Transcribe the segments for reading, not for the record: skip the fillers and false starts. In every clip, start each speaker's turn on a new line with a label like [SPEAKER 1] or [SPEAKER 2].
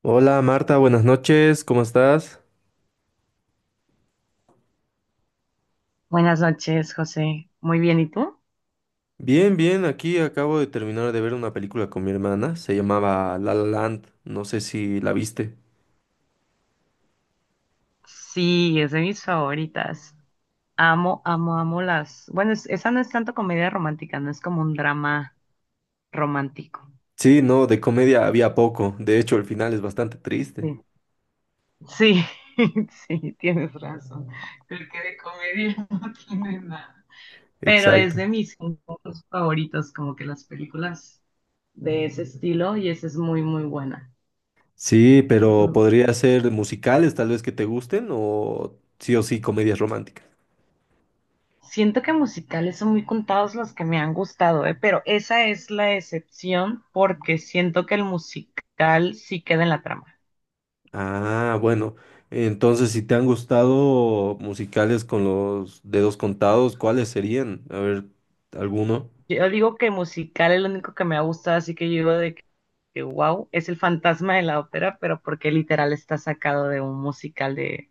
[SPEAKER 1] Hola Marta, buenas noches, ¿cómo estás?
[SPEAKER 2] Buenas noches, José. Muy bien, ¿y tú?
[SPEAKER 1] Bien, aquí acabo de terminar de ver una película con mi hermana, se llamaba La La Land, no sé si la viste.
[SPEAKER 2] Sí, es de mis favoritas. Amo, amo, amo las. Bueno, esa no es tanto comedia romántica, no es como un drama romántico.
[SPEAKER 1] Sí, no, de comedia había poco, de hecho el final es bastante
[SPEAKER 2] Sí,
[SPEAKER 1] triste.
[SPEAKER 2] sí, sí, tienes razón. Creo que de comedia no tiene nada. Pero es
[SPEAKER 1] Exacto.
[SPEAKER 2] de mis géneros favoritos, como que las películas de ese estilo, y esa es muy, muy buena.
[SPEAKER 1] Sí, pero podría ser musicales tal vez que te gusten o sí comedias románticas.
[SPEAKER 2] Siento que musicales son muy contados los que me han gustado, ¿eh? Pero esa es la excepción porque siento que el musical sí queda en la trama.
[SPEAKER 1] Ah, bueno, entonces si te han gustado musicales con los dedos contados, ¿cuáles serían? A ver, ¿alguno?
[SPEAKER 2] Yo digo que musical es lo único que me ha gustado, así que yo digo de que wow, es el fantasma de la ópera, pero porque literal está sacado de un musical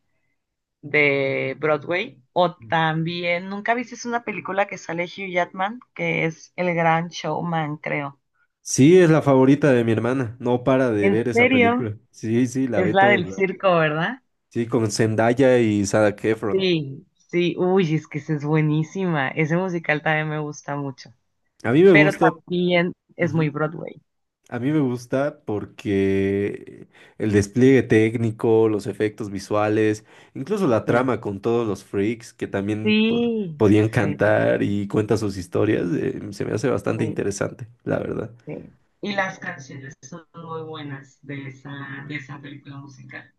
[SPEAKER 2] de Broadway. O también, ¿nunca viste una película que sale Hugh Jackman? Que es El Gran Showman, creo.
[SPEAKER 1] Sí, es la favorita de mi hermana. No para de
[SPEAKER 2] ¿En
[SPEAKER 1] ver esa
[SPEAKER 2] serio?
[SPEAKER 1] película. Sí, sí, la
[SPEAKER 2] Es
[SPEAKER 1] ve
[SPEAKER 2] la
[SPEAKER 1] todo
[SPEAKER 2] del
[SPEAKER 1] el rato.
[SPEAKER 2] circo, ¿verdad?
[SPEAKER 1] Sí, con Zendaya y Zac Efron.
[SPEAKER 2] Sí, sí, uy, es que esa es buenísima. Ese musical también me gusta mucho.
[SPEAKER 1] A mí me
[SPEAKER 2] Pero
[SPEAKER 1] gusta,
[SPEAKER 2] también es muy
[SPEAKER 1] ujú,
[SPEAKER 2] Broadway.
[SPEAKER 1] a mí me gusta porque el despliegue técnico, los efectos visuales, incluso la
[SPEAKER 2] Sí.
[SPEAKER 1] trama con todos los freaks que también
[SPEAKER 2] Sí,
[SPEAKER 1] podían
[SPEAKER 2] sí,
[SPEAKER 1] cantar y cuentan sus historias, se me hace bastante
[SPEAKER 2] sí,
[SPEAKER 1] interesante, la verdad.
[SPEAKER 2] sí. Y las canciones son muy buenas de esa película musical.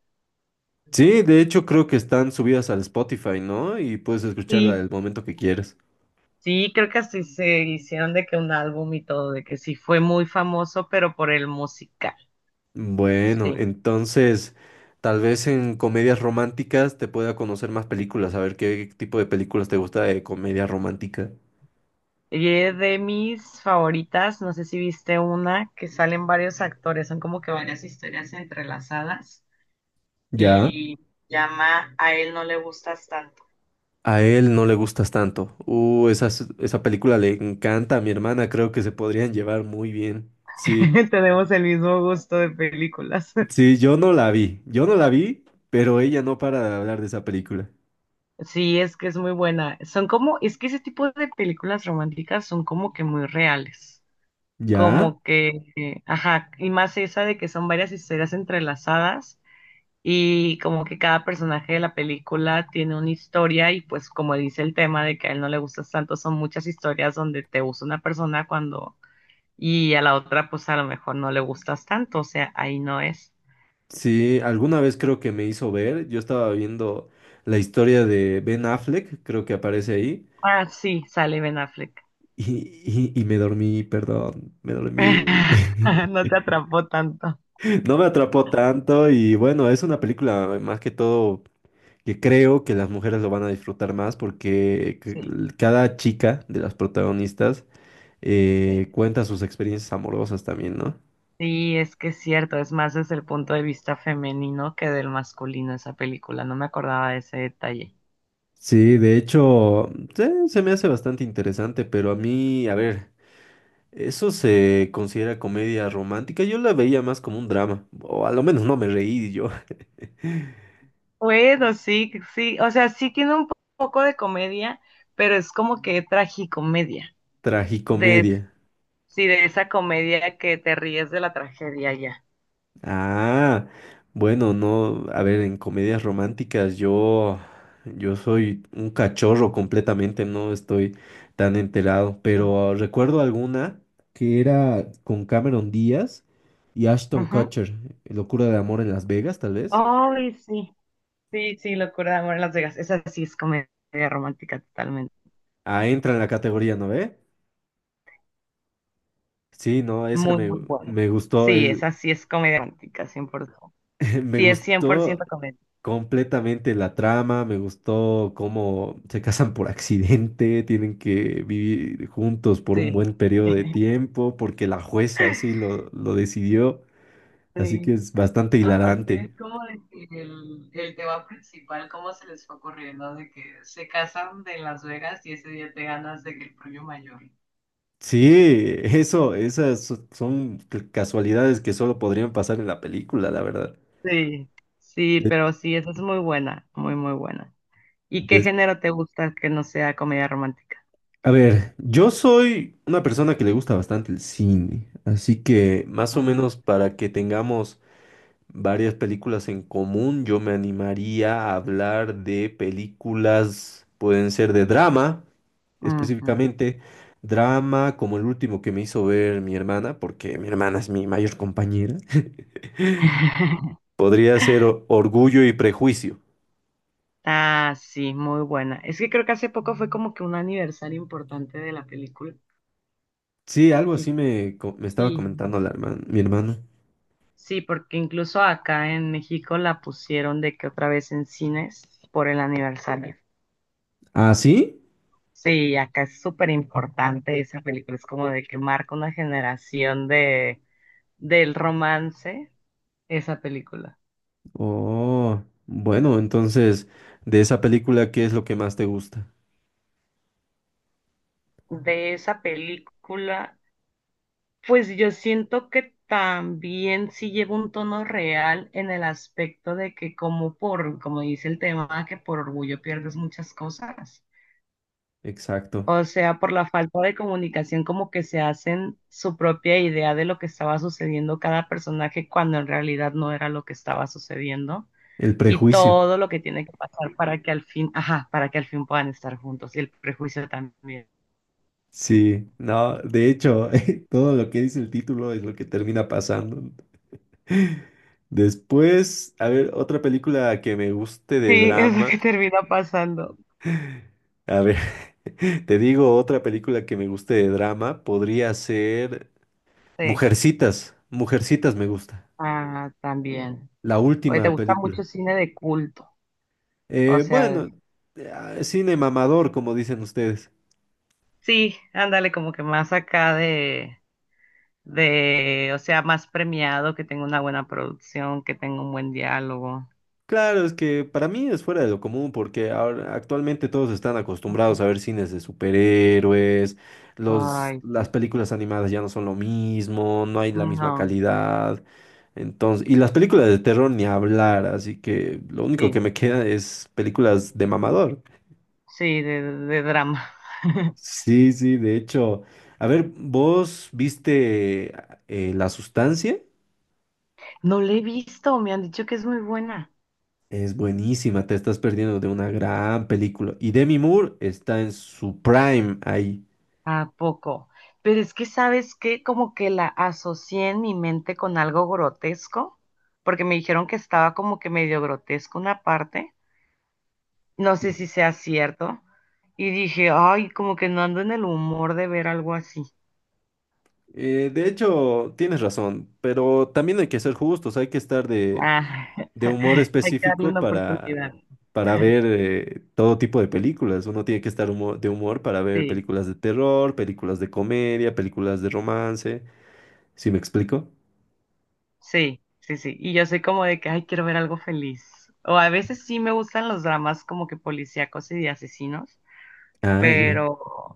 [SPEAKER 1] Sí, de hecho creo que están subidas al Spotify, ¿no? Y puedes escucharla el
[SPEAKER 2] Sí,
[SPEAKER 1] momento que quieras.
[SPEAKER 2] sí, creo que así se hicieron de que un álbum y todo, de que sí fue muy famoso, pero por el musical.
[SPEAKER 1] Bueno,
[SPEAKER 2] Sí.
[SPEAKER 1] entonces tal vez en comedias románticas te pueda conocer más películas, a ver qué tipo de películas te gusta de comedia romántica.
[SPEAKER 2] Y es de mis favoritas, no sé si viste una, que salen varios actores, son como que varias historias entrelazadas,
[SPEAKER 1] Ya.
[SPEAKER 2] y llama A él no le gustas tanto.
[SPEAKER 1] A él no le gustas tanto. Esa, esa película le encanta a mi hermana, creo que se podrían llevar muy bien. Sí,
[SPEAKER 2] Tenemos el mismo gusto de películas.
[SPEAKER 1] sí, yo no la vi, pero ella no para de hablar de esa película.
[SPEAKER 2] Sí, es que es muy buena. Son como, es que ese tipo de películas románticas son como que muy reales,
[SPEAKER 1] Ya.
[SPEAKER 2] como que, ajá, y más esa de que son varias historias entrelazadas y como que cada personaje de la película tiene una historia y pues como dice el tema de que a él no le gustas tanto, son muchas historias donde te usa una persona cuando y a la otra pues a lo mejor no le gustas tanto, o sea, ahí no es.
[SPEAKER 1] Sí, alguna vez creo que me hizo ver, yo estaba viendo la historia de Ben Affleck, creo que aparece ahí.
[SPEAKER 2] Ah, sí, sale Ben Affleck.
[SPEAKER 1] Y me dormí, perdón, me dormí.
[SPEAKER 2] No te atrapó tanto.
[SPEAKER 1] No me atrapó tanto y bueno, es una película más que todo que creo que las mujeres lo van a disfrutar más porque
[SPEAKER 2] Sí.
[SPEAKER 1] cada chica de las protagonistas
[SPEAKER 2] Sí,
[SPEAKER 1] cuenta sus experiencias amorosas también, ¿no?
[SPEAKER 2] sí, es que es cierto, es más desde el punto de vista femenino que del masculino esa película, no me acordaba de ese detalle.
[SPEAKER 1] Sí, de hecho, se me hace bastante interesante, pero a mí, a ver, eso se considera comedia romántica. Yo la veía más como un drama, o a lo menos no me reí yo.
[SPEAKER 2] Bueno, sí, sí, o sea, sí tiene un poco de comedia, pero es como que tragicomedia, de,
[SPEAKER 1] Tragicomedia.
[SPEAKER 2] sí, de esa comedia que te ríes de la tragedia ya.
[SPEAKER 1] Ah, bueno, no, a ver, en comedias románticas yo, yo soy un cachorro completamente, no estoy tan enterado, pero recuerdo alguna que era con Cameron Díaz y Ashton
[SPEAKER 2] Ujú.
[SPEAKER 1] Kutcher, Locura de Amor en Las Vegas, tal vez.
[SPEAKER 2] Ay, sí, sí, sí, Locura de Amor en Las Vegas, esa sí es comedia romántica totalmente,
[SPEAKER 1] Ah, entra en la categoría, ¿no ve? Sí, no,
[SPEAKER 2] muy, muy buena.
[SPEAKER 1] me gustó,
[SPEAKER 2] Sí, esa sí es comedia romántica, 100%.
[SPEAKER 1] me
[SPEAKER 2] Sí, es cien por
[SPEAKER 1] gustó
[SPEAKER 2] ciento comedia,
[SPEAKER 1] completamente la trama, me gustó cómo se casan por accidente, tienen que vivir juntos por un
[SPEAKER 2] sí.
[SPEAKER 1] buen periodo de tiempo, porque la jueza así lo decidió, así
[SPEAKER 2] Sí.
[SPEAKER 1] que es bastante
[SPEAKER 2] Aparte es
[SPEAKER 1] hilarante.
[SPEAKER 2] como de que el tema principal, cómo se les fue ocurriendo de que se casan de Las Vegas y ese día te ganas de que el premio mayor.
[SPEAKER 1] Sí, esas son casualidades que solo podrían pasar en la película, la verdad.
[SPEAKER 2] Sí, sí,
[SPEAKER 1] De-
[SPEAKER 2] pero sí, esa es muy buena, muy, muy buena. ¿Y qué
[SPEAKER 1] des-
[SPEAKER 2] género te gusta que no sea comedia romántica?
[SPEAKER 1] a ver, yo soy una persona que le gusta bastante el cine, así que más o
[SPEAKER 2] Ah,
[SPEAKER 1] menos para que tengamos varias películas en común. Yo me animaría a hablar de películas, pueden ser de drama,
[SPEAKER 2] ujú.
[SPEAKER 1] específicamente drama como el último que me hizo ver mi hermana, porque mi hermana es mi mayor compañera. Podría ser Orgullo y Prejuicio.
[SPEAKER 2] Ah, sí, muy buena. Es que creo que hace poco fue como que un aniversario importante de la película.
[SPEAKER 1] Sí, algo
[SPEAKER 2] Y
[SPEAKER 1] así me estaba
[SPEAKER 2] sí.
[SPEAKER 1] comentando la mi hermano.
[SPEAKER 2] Sí, porque incluso acá en México la pusieron de que otra vez en cines por el aniversario.
[SPEAKER 1] ¿Ah, sí?
[SPEAKER 2] Sí, acá es súper importante esa película, es como de que marca una generación de del romance esa película.
[SPEAKER 1] Oh, bueno, entonces, de esa película, ¿qué es lo que más te gusta?
[SPEAKER 2] De esa película, pues yo siento que también sí lleva un tono real en el aspecto de que como por, como dice el tema, que por orgullo pierdes muchas cosas.
[SPEAKER 1] Exacto,
[SPEAKER 2] O sea, por la falta de comunicación, como que se hacen su propia idea de lo que estaba sucediendo cada personaje cuando en realidad no era lo que estaba sucediendo
[SPEAKER 1] el
[SPEAKER 2] y
[SPEAKER 1] prejuicio.
[SPEAKER 2] todo lo que tiene que pasar para que al fin, ajá, para que al fin puedan estar juntos y el prejuicio también.
[SPEAKER 1] Sí, no, de hecho, todo lo que dice el título es lo que termina pasando. Después, a ver, otra película que me guste de
[SPEAKER 2] Sí, es lo
[SPEAKER 1] drama.
[SPEAKER 2] que termina pasando.
[SPEAKER 1] A ver, te digo, otra película que me guste de drama podría ser
[SPEAKER 2] Sí,
[SPEAKER 1] Mujercitas. Mujercitas me gusta.
[SPEAKER 2] ah, también.
[SPEAKER 1] La
[SPEAKER 2] Oye, ¿te
[SPEAKER 1] última
[SPEAKER 2] gusta
[SPEAKER 1] película.
[SPEAKER 2] mucho cine de culto? O
[SPEAKER 1] Eh,
[SPEAKER 2] sea,
[SPEAKER 1] bueno, cine mamador, como dicen ustedes.
[SPEAKER 2] sí, ándale, como que más acá de, o sea, más premiado, que tenga una buena producción, que tenga un buen diálogo.
[SPEAKER 1] Claro, es que para mí es fuera de lo común porque ahora actualmente todos están acostumbrados
[SPEAKER 2] Ujú.
[SPEAKER 1] a ver cines de superhéroes,
[SPEAKER 2] Ay,
[SPEAKER 1] las
[SPEAKER 2] sí.
[SPEAKER 1] películas animadas ya no son lo mismo, no hay la misma
[SPEAKER 2] No,
[SPEAKER 1] calidad. Entonces, y las películas de terror ni hablar, así que lo único que
[SPEAKER 2] sí,
[SPEAKER 1] me queda es películas de mamador.
[SPEAKER 2] sí, de drama.
[SPEAKER 1] Sí, sí, de hecho, a ver, ¿vos viste La Sustancia?
[SPEAKER 2] No la he visto, me han dicho que es muy buena.
[SPEAKER 1] Es buenísima, te estás perdiendo de una gran película. Y Demi Moore está en su prime ahí.
[SPEAKER 2] ¿A poco? Pero es que, ¿sabes qué? Como que la asocié en mi mente con algo grotesco, porque me dijeron que estaba como que medio grotesco una parte. No sé
[SPEAKER 1] Sí.
[SPEAKER 2] si sea cierto. Y dije, ay, como que no ando en el humor de ver algo así.
[SPEAKER 1] De hecho, tienes razón, pero también hay que ser justos, hay que estar
[SPEAKER 2] Ah,
[SPEAKER 1] de humor
[SPEAKER 2] hay que darle
[SPEAKER 1] específico
[SPEAKER 2] una oportunidad.
[SPEAKER 1] para ver todo tipo de películas. Uno tiene que estar de humor para ver
[SPEAKER 2] Sí,
[SPEAKER 1] películas de terror, películas de comedia, películas de romance. ¿Sí me explico?
[SPEAKER 2] sí, sí, sí. Y yo soy como de que, ay, quiero ver algo feliz. O a veces sí me gustan los dramas como que policíacos y de asesinos,
[SPEAKER 1] Ah, ya.
[SPEAKER 2] pero,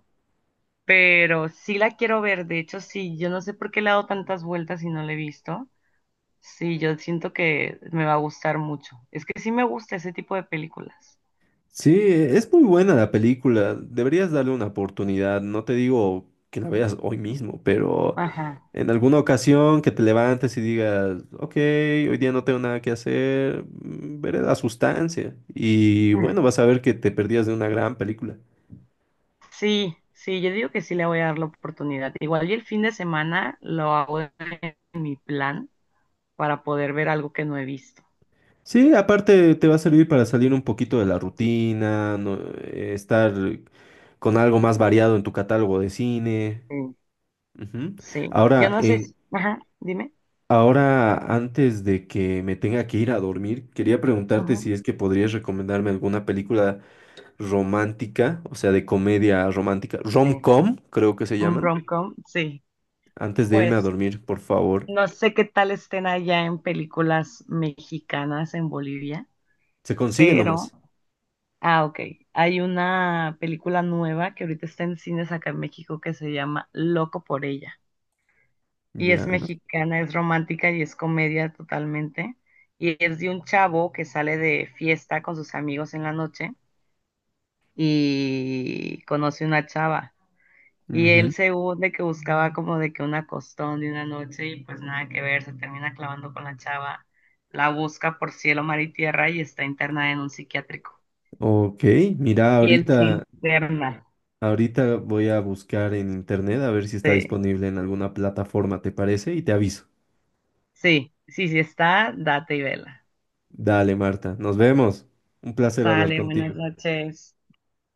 [SPEAKER 2] pero sí la quiero ver. De hecho, sí, yo no sé por qué le he dado tantas vueltas y no la he visto. Sí, yo siento que me va a gustar mucho. Es que sí me gusta ese tipo de películas.
[SPEAKER 1] Sí, es muy buena la película. Deberías darle una oportunidad. No te digo que la veas hoy mismo, pero...
[SPEAKER 2] Ajá.
[SPEAKER 1] En alguna ocasión que te levantes y digas, ok, hoy día no tengo nada que hacer, veré la sustancia. Y
[SPEAKER 2] Ah,
[SPEAKER 1] bueno, vas a ver que te perdías de una gran película.
[SPEAKER 2] sí, sí, yo digo que sí le voy a dar la oportunidad. Igual y el fin de semana lo hago en mi plan para poder ver algo que no he visto.
[SPEAKER 1] Sí, aparte te va a servir para salir un poquito de la rutina, estar con algo más variado en tu catálogo de cine.
[SPEAKER 2] Sí,
[SPEAKER 1] Ujú.
[SPEAKER 2] sí. Yo
[SPEAKER 1] Ahora,
[SPEAKER 2] no sé
[SPEAKER 1] en,
[SPEAKER 2] si... Ajá, dime.
[SPEAKER 1] ahora, antes de que me tenga que ir a dormir, quería preguntarte
[SPEAKER 2] Ajá,
[SPEAKER 1] si es que podrías recomendarme alguna película romántica, o sea, de comedia romántica,
[SPEAKER 2] sí.
[SPEAKER 1] rom-com, creo que se
[SPEAKER 2] Un
[SPEAKER 1] llaman,
[SPEAKER 2] rom-com, sí.
[SPEAKER 1] antes de irme a
[SPEAKER 2] Pues
[SPEAKER 1] dormir, por favor.
[SPEAKER 2] no sé qué tal estén allá en películas mexicanas en Bolivia,
[SPEAKER 1] Se consigue
[SPEAKER 2] pero...
[SPEAKER 1] nomás.
[SPEAKER 2] Ah, ok. Hay una película nueva que ahorita está en cines acá en México que se llama Loco por ella. Y es
[SPEAKER 1] Ya.
[SPEAKER 2] mexicana, es romántica y es comedia totalmente. Y es de un chavo que sale de fiesta con sus amigos en la noche y conoce una chava. Y él
[SPEAKER 1] Ujú.
[SPEAKER 2] según de que buscaba como de que una costón de una noche y pues nada que ver, se termina clavando con la chava, la busca por cielo, mar y tierra y está internada en un psiquiátrico.
[SPEAKER 1] Ok, mira,
[SPEAKER 2] Y él se
[SPEAKER 1] ahorita,
[SPEAKER 2] interna.
[SPEAKER 1] ahorita voy a buscar en internet a ver si está
[SPEAKER 2] Sí,
[SPEAKER 1] disponible en alguna plataforma, ¿te parece? Y te aviso.
[SPEAKER 2] sí, sí, sí está, date y vela.
[SPEAKER 1] Dale, Marta, nos vemos. Un placer hablar
[SPEAKER 2] Sale,
[SPEAKER 1] contigo.
[SPEAKER 2] buenas noches.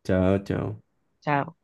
[SPEAKER 1] Chao, chao.
[SPEAKER 2] Chao.